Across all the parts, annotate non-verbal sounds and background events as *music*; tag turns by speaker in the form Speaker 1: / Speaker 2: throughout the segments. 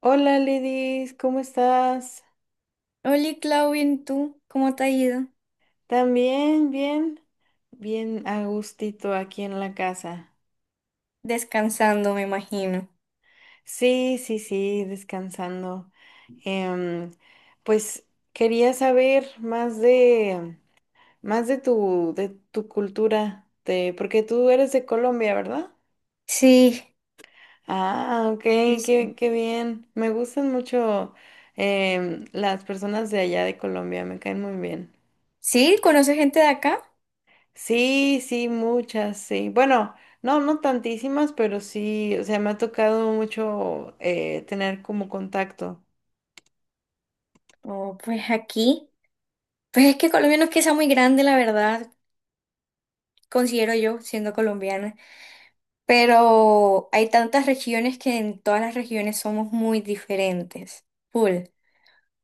Speaker 1: Hola Lidis, ¿cómo estás?
Speaker 2: Hola, Claudia, ¿y tú? ¿Cómo te ha ido?
Speaker 1: ¿También? ¿Bien? Bien a gustito aquí en la casa.
Speaker 2: Descansando, me imagino.
Speaker 1: Sí, sí, sí, descansando. Em, pues quería saber más de tu cultura, de, porque tú eres de Colombia, ¿verdad?
Speaker 2: Sí,
Speaker 1: Ah, ok,
Speaker 2: sí,
Speaker 1: qué,
Speaker 2: sí.
Speaker 1: qué bien. Me gustan mucho las personas de allá de Colombia, me caen muy bien.
Speaker 2: ¿Sí? ¿Conoces gente de acá?
Speaker 1: Sí, sí, muchas, sí. Bueno, no tantísimas, pero sí, o sea, me ha tocado mucho tener como contacto.
Speaker 2: Oh, pues aquí. Pues es que Colombia no es que sea muy grande, la verdad, considero yo, siendo colombiana. Pero hay tantas regiones que en todas las regiones somos muy diferentes. Full.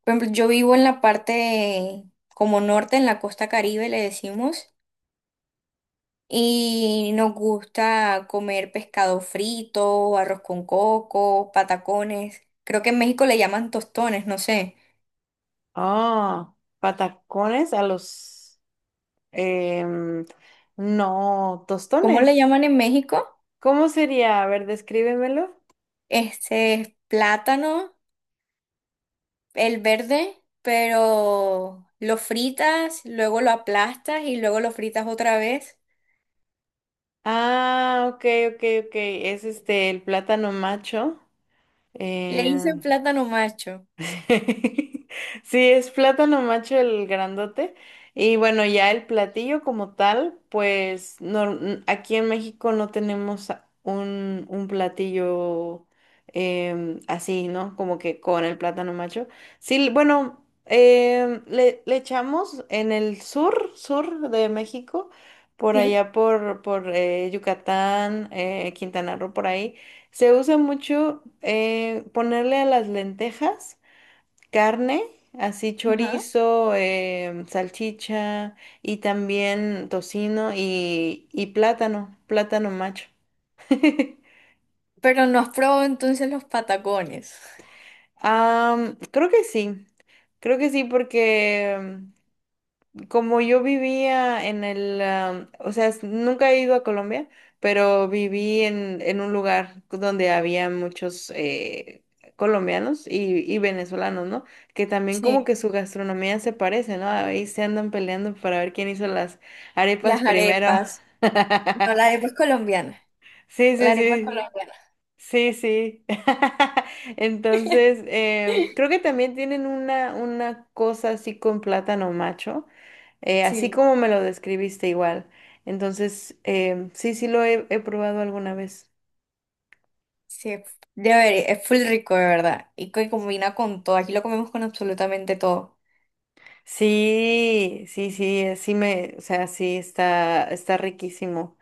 Speaker 2: Por ejemplo, yo vivo en la parte como norte, en la costa Caribe, le decimos. Y nos gusta comer pescado frito, arroz con coco, patacones. Creo que en México le llaman tostones, no sé.
Speaker 1: Ah, patacones a los, em, no,
Speaker 2: ¿Cómo le
Speaker 1: tostones.
Speaker 2: llaman en México?
Speaker 1: ¿Cómo sería? A ver, descríbemelo.
Speaker 2: Este es plátano, el verde, pero lo fritas, luego lo aplastas y luego lo fritas otra vez.
Speaker 1: Ah, ok, ok, ok. Es este, el plátano macho.
Speaker 2: Le
Speaker 1: eh,
Speaker 2: dicen plátano macho,
Speaker 1: Sí, *laughs* sí, es plátano macho el grandote. Y bueno, ya el platillo como tal, pues no, aquí en México no tenemos un platillo así, ¿no? Como que con el plátano macho. Sí, bueno, le echamos en el sur, sur de México, por
Speaker 2: ¿sí?
Speaker 1: allá por, por Yucatán, Quintana Roo, por ahí. Se usa mucho ponerle a las lentejas carne, así
Speaker 2: Ajá.
Speaker 1: chorizo, salchicha y también tocino y plátano, plátano macho. *laughs*
Speaker 2: Pero no has probado entonces los patacones.
Speaker 1: Am, creo que sí, creo que sí porque como yo vivía en o sea, nunca he ido a Colombia, pero viví en un lugar donde había muchos colombianos y venezolanos, ¿no? Que también como
Speaker 2: Sí.
Speaker 1: que su gastronomía se parece, ¿no? Ahí se andan peleando para ver quién hizo las arepas
Speaker 2: Las
Speaker 1: primero.
Speaker 2: arepas. No, la
Speaker 1: *laughs*
Speaker 2: arepa es colombiana.
Speaker 1: Sí,
Speaker 2: La
Speaker 1: sí,
Speaker 2: arepa es
Speaker 1: sí.
Speaker 2: colombiana.
Speaker 1: Sí, sí. *laughs*
Speaker 2: *laughs*
Speaker 1: Entonces, creo que también tienen una cosa así con plátano macho así
Speaker 2: Sí,
Speaker 1: como me lo describiste igual. Entonces, sí, he probado alguna vez.
Speaker 2: sí, debería, es full rico, de verdad. Y que combina con todo. Aquí lo comemos con absolutamente todo.
Speaker 1: Sí, sí, sí, sí me, o sea, sí está, está riquísimo.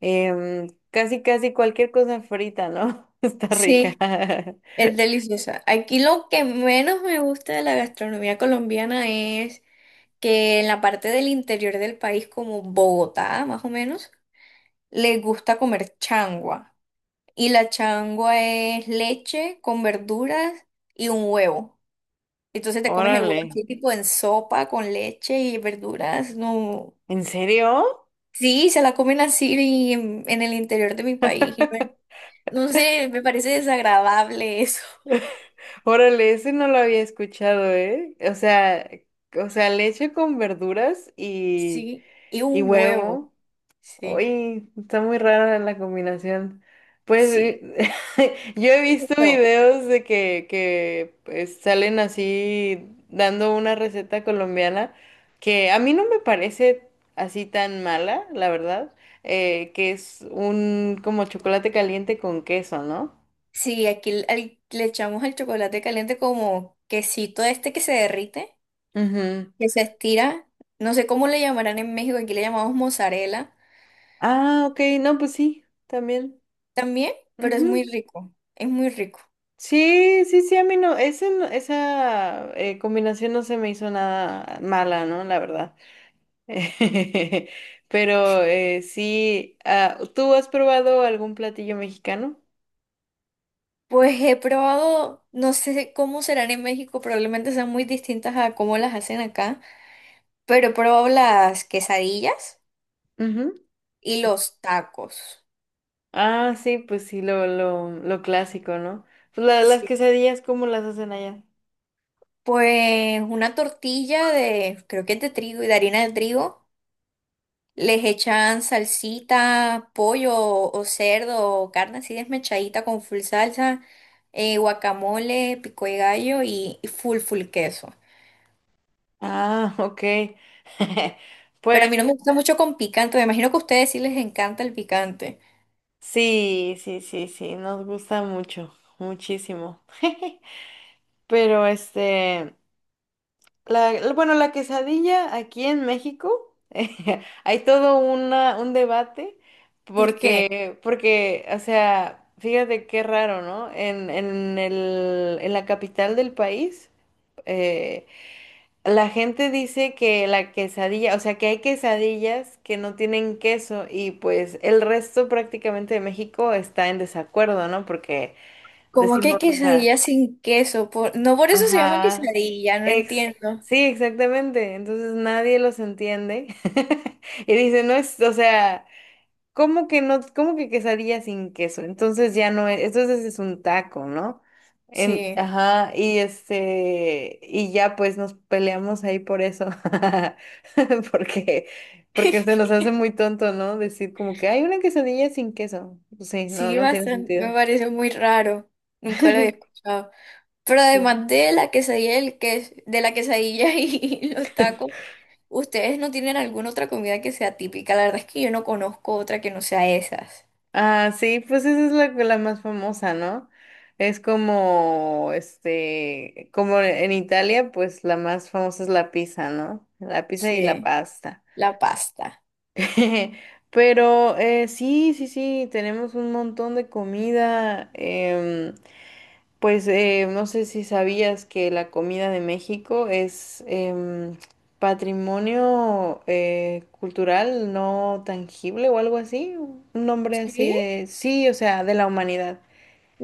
Speaker 1: Casi, casi cualquier cosa frita, ¿no? *laughs* Está rica.
Speaker 2: Sí,
Speaker 1: *laughs*
Speaker 2: es delicioso. Aquí lo que menos me gusta de la gastronomía colombiana es que en la parte del interior del país, como Bogotá, más o menos, les gusta comer changua. Y la changua es leche con verduras y un huevo. Entonces te comes el huevo
Speaker 1: Órale,
Speaker 2: así, tipo en sopa, con leche y verduras. No.
Speaker 1: ¿en serio?
Speaker 2: Sí, se la comen así y en el interior de mi país. Y bueno,
Speaker 1: *laughs*
Speaker 2: no sé, me parece desagradable *laughs* eso.
Speaker 1: Órale, ese no lo había escuchado, ¿eh? O sea, leche con verduras
Speaker 2: Sí, y
Speaker 1: y
Speaker 2: un huevo.
Speaker 1: huevo.
Speaker 2: Sí,
Speaker 1: Uy, está muy rara la combinación. Pues
Speaker 2: sí,
Speaker 1: *laughs* yo he
Speaker 2: un
Speaker 1: visto
Speaker 2: huevo.
Speaker 1: videos de que pues, salen así dando una receta colombiana que a mí no me parece así tan mala, la verdad, que es un como chocolate caliente con queso, ¿no?
Speaker 2: Sí, aquí le echamos al chocolate caliente como quesito este que se derrite,
Speaker 1: Ujú.
Speaker 2: que se estira. No sé cómo le llamarán en México, aquí le llamamos mozzarella
Speaker 1: Ah, ok, no, pues sí, también.
Speaker 2: también, pero es
Speaker 1: Ujú.
Speaker 2: muy rico, es muy rico.
Speaker 1: Sí, sí, sí, a mí no, ese esa combinación no se me hizo nada mala, ¿no? La verdad. *laughs* Pero sí, ah, ¿tú has probado algún platillo mexicano?
Speaker 2: Pues he probado, no sé cómo serán en México, probablemente sean muy distintas a cómo las hacen acá. Pero probó las quesadillas
Speaker 1: Ujú.
Speaker 2: y los tacos.
Speaker 1: Ah, sí, pues sí, lo clásico, ¿no? Pues las
Speaker 2: Sí.
Speaker 1: quesadillas, ¿cómo las hacen allá?
Speaker 2: Pues una tortilla de, creo que es de trigo y de harina de trigo. Les echan salsita, pollo o cerdo o carne así desmechadita con full salsa, guacamole, pico de gallo y full queso.
Speaker 1: Ah, ok. *laughs*
Speaker 2: Pero a
Speaker 1: Pues
Speaker 2: mí no me gusta mucho con picante. Me imagino que a ustedes sí les encanta el picante.
Speaker 1: sí, sí, sí, sí, nos gusta mucho, muchísimo. *laughs* Pero este, la, bueno, la quesadilla aquí en México, *laughs* hay todo una, un debate
Speaker 2: ¿Por qué?
Speaker 1: porque o sea, fíjate qué raro, ¿no? En la capital del país, eh, la gente dice que la quesadilla, o sea, que hay quesadillas que no tienen queso y pues el resto prácticamente de México está en desacuerdo, ¿no? Porque
Speaker 2: ¿Cómo que
Speaker 1: decimos, o sea...
Speaker 2: quesadilla sin queso? No por eso se llama
Speaker 1: Ajá.
Speaker 2: quesadilla, no
Speaker 1: Ex
Speaker 2: entiendo.
Speaker 1: sí, exactamente. Entonces nadie los entiende. *laughs* Y dice, no es, o sea, ¿cómo que no, cómo que quesadilla sin queso? Entonces ya no es, entonces es un taco, ¿no? En,
Speaker 2: Sí.
Speaker 1: ajá, y este, y ya pues nos peleamos ahí por eso. *laughs* Porque, porque se nos hace muy tonto, ¿no? Decir como que hay una quesadilla sin queso. Pues sí, no,
Speaker 2: Sí,
Speaker 1: no tiene
Speaker 2: bastante, me
Speaker 1: sentido.
Speaker 2: parece muy raro. Nunca lo había
Speaker 1: *laughs*
Speaker 2: escuchado. Pero
Speaker 1: Sí.
Speaker 2: además de la quesadilla, de la quesadilla *laughs* y los tacos, ¿ustedes no tienen alguna otra comida que sea típica? La verdad es que yo no conozco otra que no sea esas.
Speaker 1: Ah, sí, pues esa es la, la más famosa, ¿no? Es como, este, como en Italia, pues la más famosa es la pizza, ¿no? La pizza y la
Speaker 2: Sí,
Speaker 1: pasta.
Speaker 2: la pasta.
Speaker 1: *laughs* Pero sí, sí, sí, tenemos un montón de comida. Pues no sé si sabías que la comida de México es patrimonio cultural no tangible o algo así, un nombre así
Speaker 2: Sí,
Speaker 1: de, sí, o sea, de la humanidad.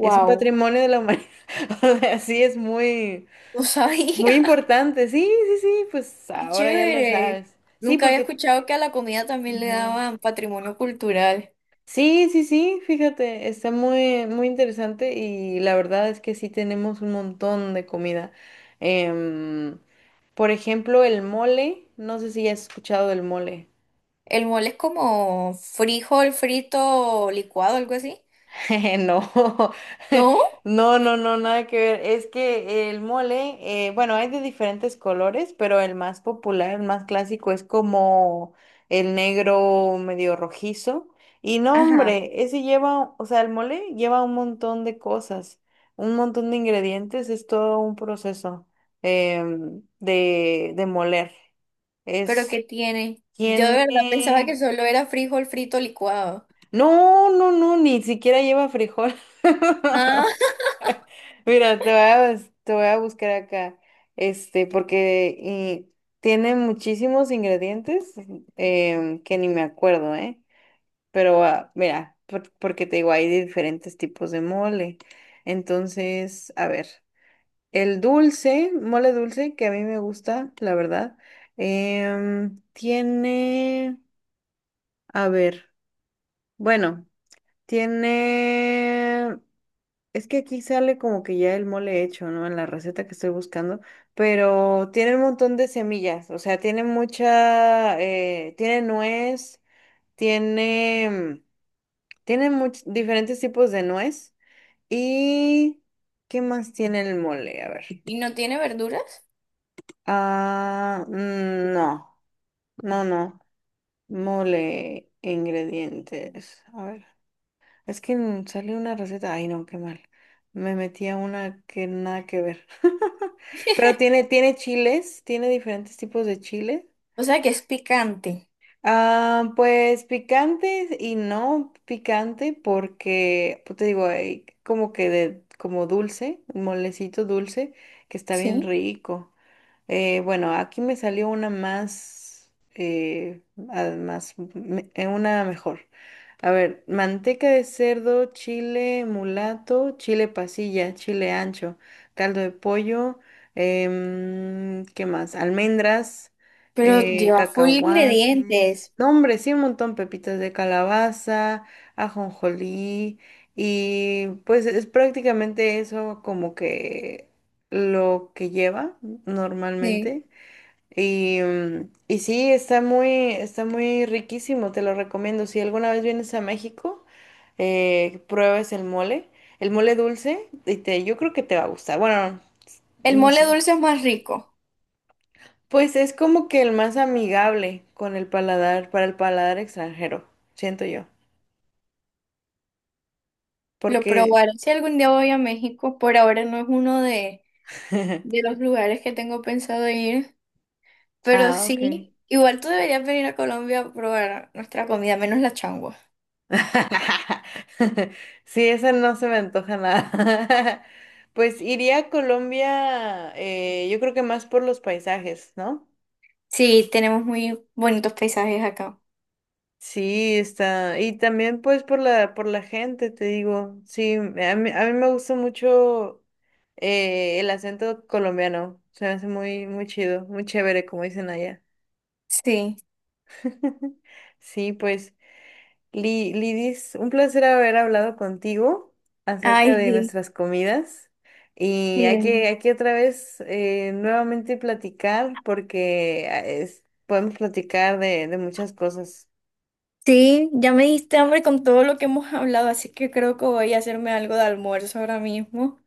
Speaker 1: Es un patrimonio de la humanidad. *laughs* O sea, sí, es muy,
Speaker 2: no
Speaker 1: muy
Speaker 2: sabía.
Speaker 1: importante. Sí, sí, sí, pues
Speaker 2: *laughs* Qué
Speaker 1: ahora ya lo
Speaker 2: chévere.
Speaker 1: sabes. Sí,
Speaker 2: Nunca había
Speaker 1: porque...
Speaker 2: escuchado que a la comida también le
Speaker 1: Ujú.
Speaker 2: daban patrimonio cultural.
Speaker 1: Sí, sí, sí, fíjate, está muy, muy interesante y la verdad es que sí tenemos un montón de comida. Em, por ejemplo, el mole, no sé si has escuchado del mole.
Speaker 2: El mole es como frijol frito licuado, algo así.
Speaker 1: *laughs* No, *laughs*
Speaker 2: ¿No?
Speaker 1: no, no, no, nada que ver. Es que el mole, bueno, hay de diferentes colores, pero el más popular, el más clásico es como el negro medio rojizo. Y no,
Speaker 2: Ajá.
Speaker 1: hombre, ese lleva, o sea, el mole lleva un montón de cosas, un montón de ingredientes, es todo un proceso de moler.
Speaker 2: Pero
Speaker 1: Es,
Speaker 2: ¿qué tiene? Yo de verdad pensaba que
Speaker 1: tiene...
Speaker 2: solo era frijol frito licuado.
Speaker 1: No, no, no, ni siquiera lleva frijol. *laughs*
Speaker 2: Ah,
Speaker 1: Mira, te voy a, te voy a buscar acá, este, porque y tiene muchísimos ingredientes que ni me acuerdo, ¿eh? Pero ah, mira, porque te digo, hay de diferentes tipos de mole. Entonces, a ver, el dulce, mole dulce, que a mí me gusta, la verdad, tiene, a ver, bueno, tiene es que aquí sale como que ya el mole hecho, ¿no? En la receta que estoy buscando, pero tiene un montón de semillas, o sea, tiene mucha, tiene nuez, tiene, tiene diferentes tipos de nuez y ¿qué más tiene el mole? A ver.
Speaker 2: *laughs* ¿y no tiene verduras?
Speaker 1: Ah, mm, no, no, no, mole, ingredientes, a ver. Es que sale una receta, ay no, qué mal. Me metí a una que nada que ver. *laughs* Pero tiene, tiene chiles, tiene diferentes tipos de chiles.
Speaker 2: O sea que es picante,
Speaker 1: Ah, pues picantes y no picante porque, pues te digo, hay como que de, como dulce, un molecito dulce que está bien
Speaker 2: ¿sí?
Speaker 1: rico. Bueno, aquí me salió una más, eh, ah, más, una mejor. A ver, manteca de cerdo, chile mulato, chile pasilla, chile ancho, caldo de pollo, ¿qué más? Almendras,
Speaker 2: Pero lleva full
Speaker 1: cacahuates.
Speaker 2: ingredientes.
Speaker 1: No, hombre, sí, un montón, pepitas de calabaza, ajonjolí, y pues es prácticamente eso como que lo que lleva
Speaker 2: Sí.
Speaker 1: normalmente. Y, mm, y sí, está muy riquísimo, te lo recomiendo. Si alguna vez vienes a México, pruebes el mole dulce, y te, yo creo que te va a gustar. Bueno,
Speaker 2: El
Speaker 1: no
Speaker 2: mole
Speaker 1: sé.
Speaker 2: dulce es más rico.
Speaker 1: Pues es como que el más amigable con el paladar, para el paladar extranjero, siento yo.
Speaker 2: Lo
Speaker 1: Porque,
Speaker 2: probaré si algún día voy a México. Por ahora no es uno
Speaker 1: *laughs*
Speaker 2: de los lugares que tengo pensado ir. Pero
Speaker 1: ah, ok.
Speaker 2: sí, igual tú deberías venir a Colombia a probar nuestra comida, menos la changua.
Speaker 1: *laughs* Sí, esa no se me antoja nada. *laughs* Pues iría a Colombia, yo creo que más por los paisajes, ¿no?
Speaker 2: Sí, tenemos muy bonitos paisajes acá.
Speaker 1: Sí, está. Y también pues por la gente, te digo. Sí, a mí me gusta mucho el acento colombiano. Se me hace muy, muy chido, muy chévere, como dicen allá.
Speaker 2: Sí.
Speaker 1: *laughs* Sí, pues. Lidis, un placer haber hablado contigo acerca
Speaker 2: Ay,
Speaker 1: de
Speaker 2: sí.
Speaker 1: nuestras comidas y
Speaker 2: Sí,
Speaker 1: hay que otra vez nuevamente platicar porque ah, podemos platicar de muchas cosas.
Speaker 2: sí, ya me diste hambre con todo lo que hemos *laughs* hablado, así que creo que voy a hacerme algo de almuerzo ahora mismo.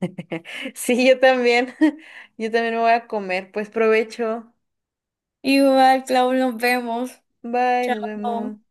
Speaker 1: *laughs* Sí, yo también. *laughs* Yo también me voy a comer. Pues provecho.
Speaker 2: Igual, Clau, nos vemos.
Speaker 1: Bye, nos vemos.
Speaker 2: Chao.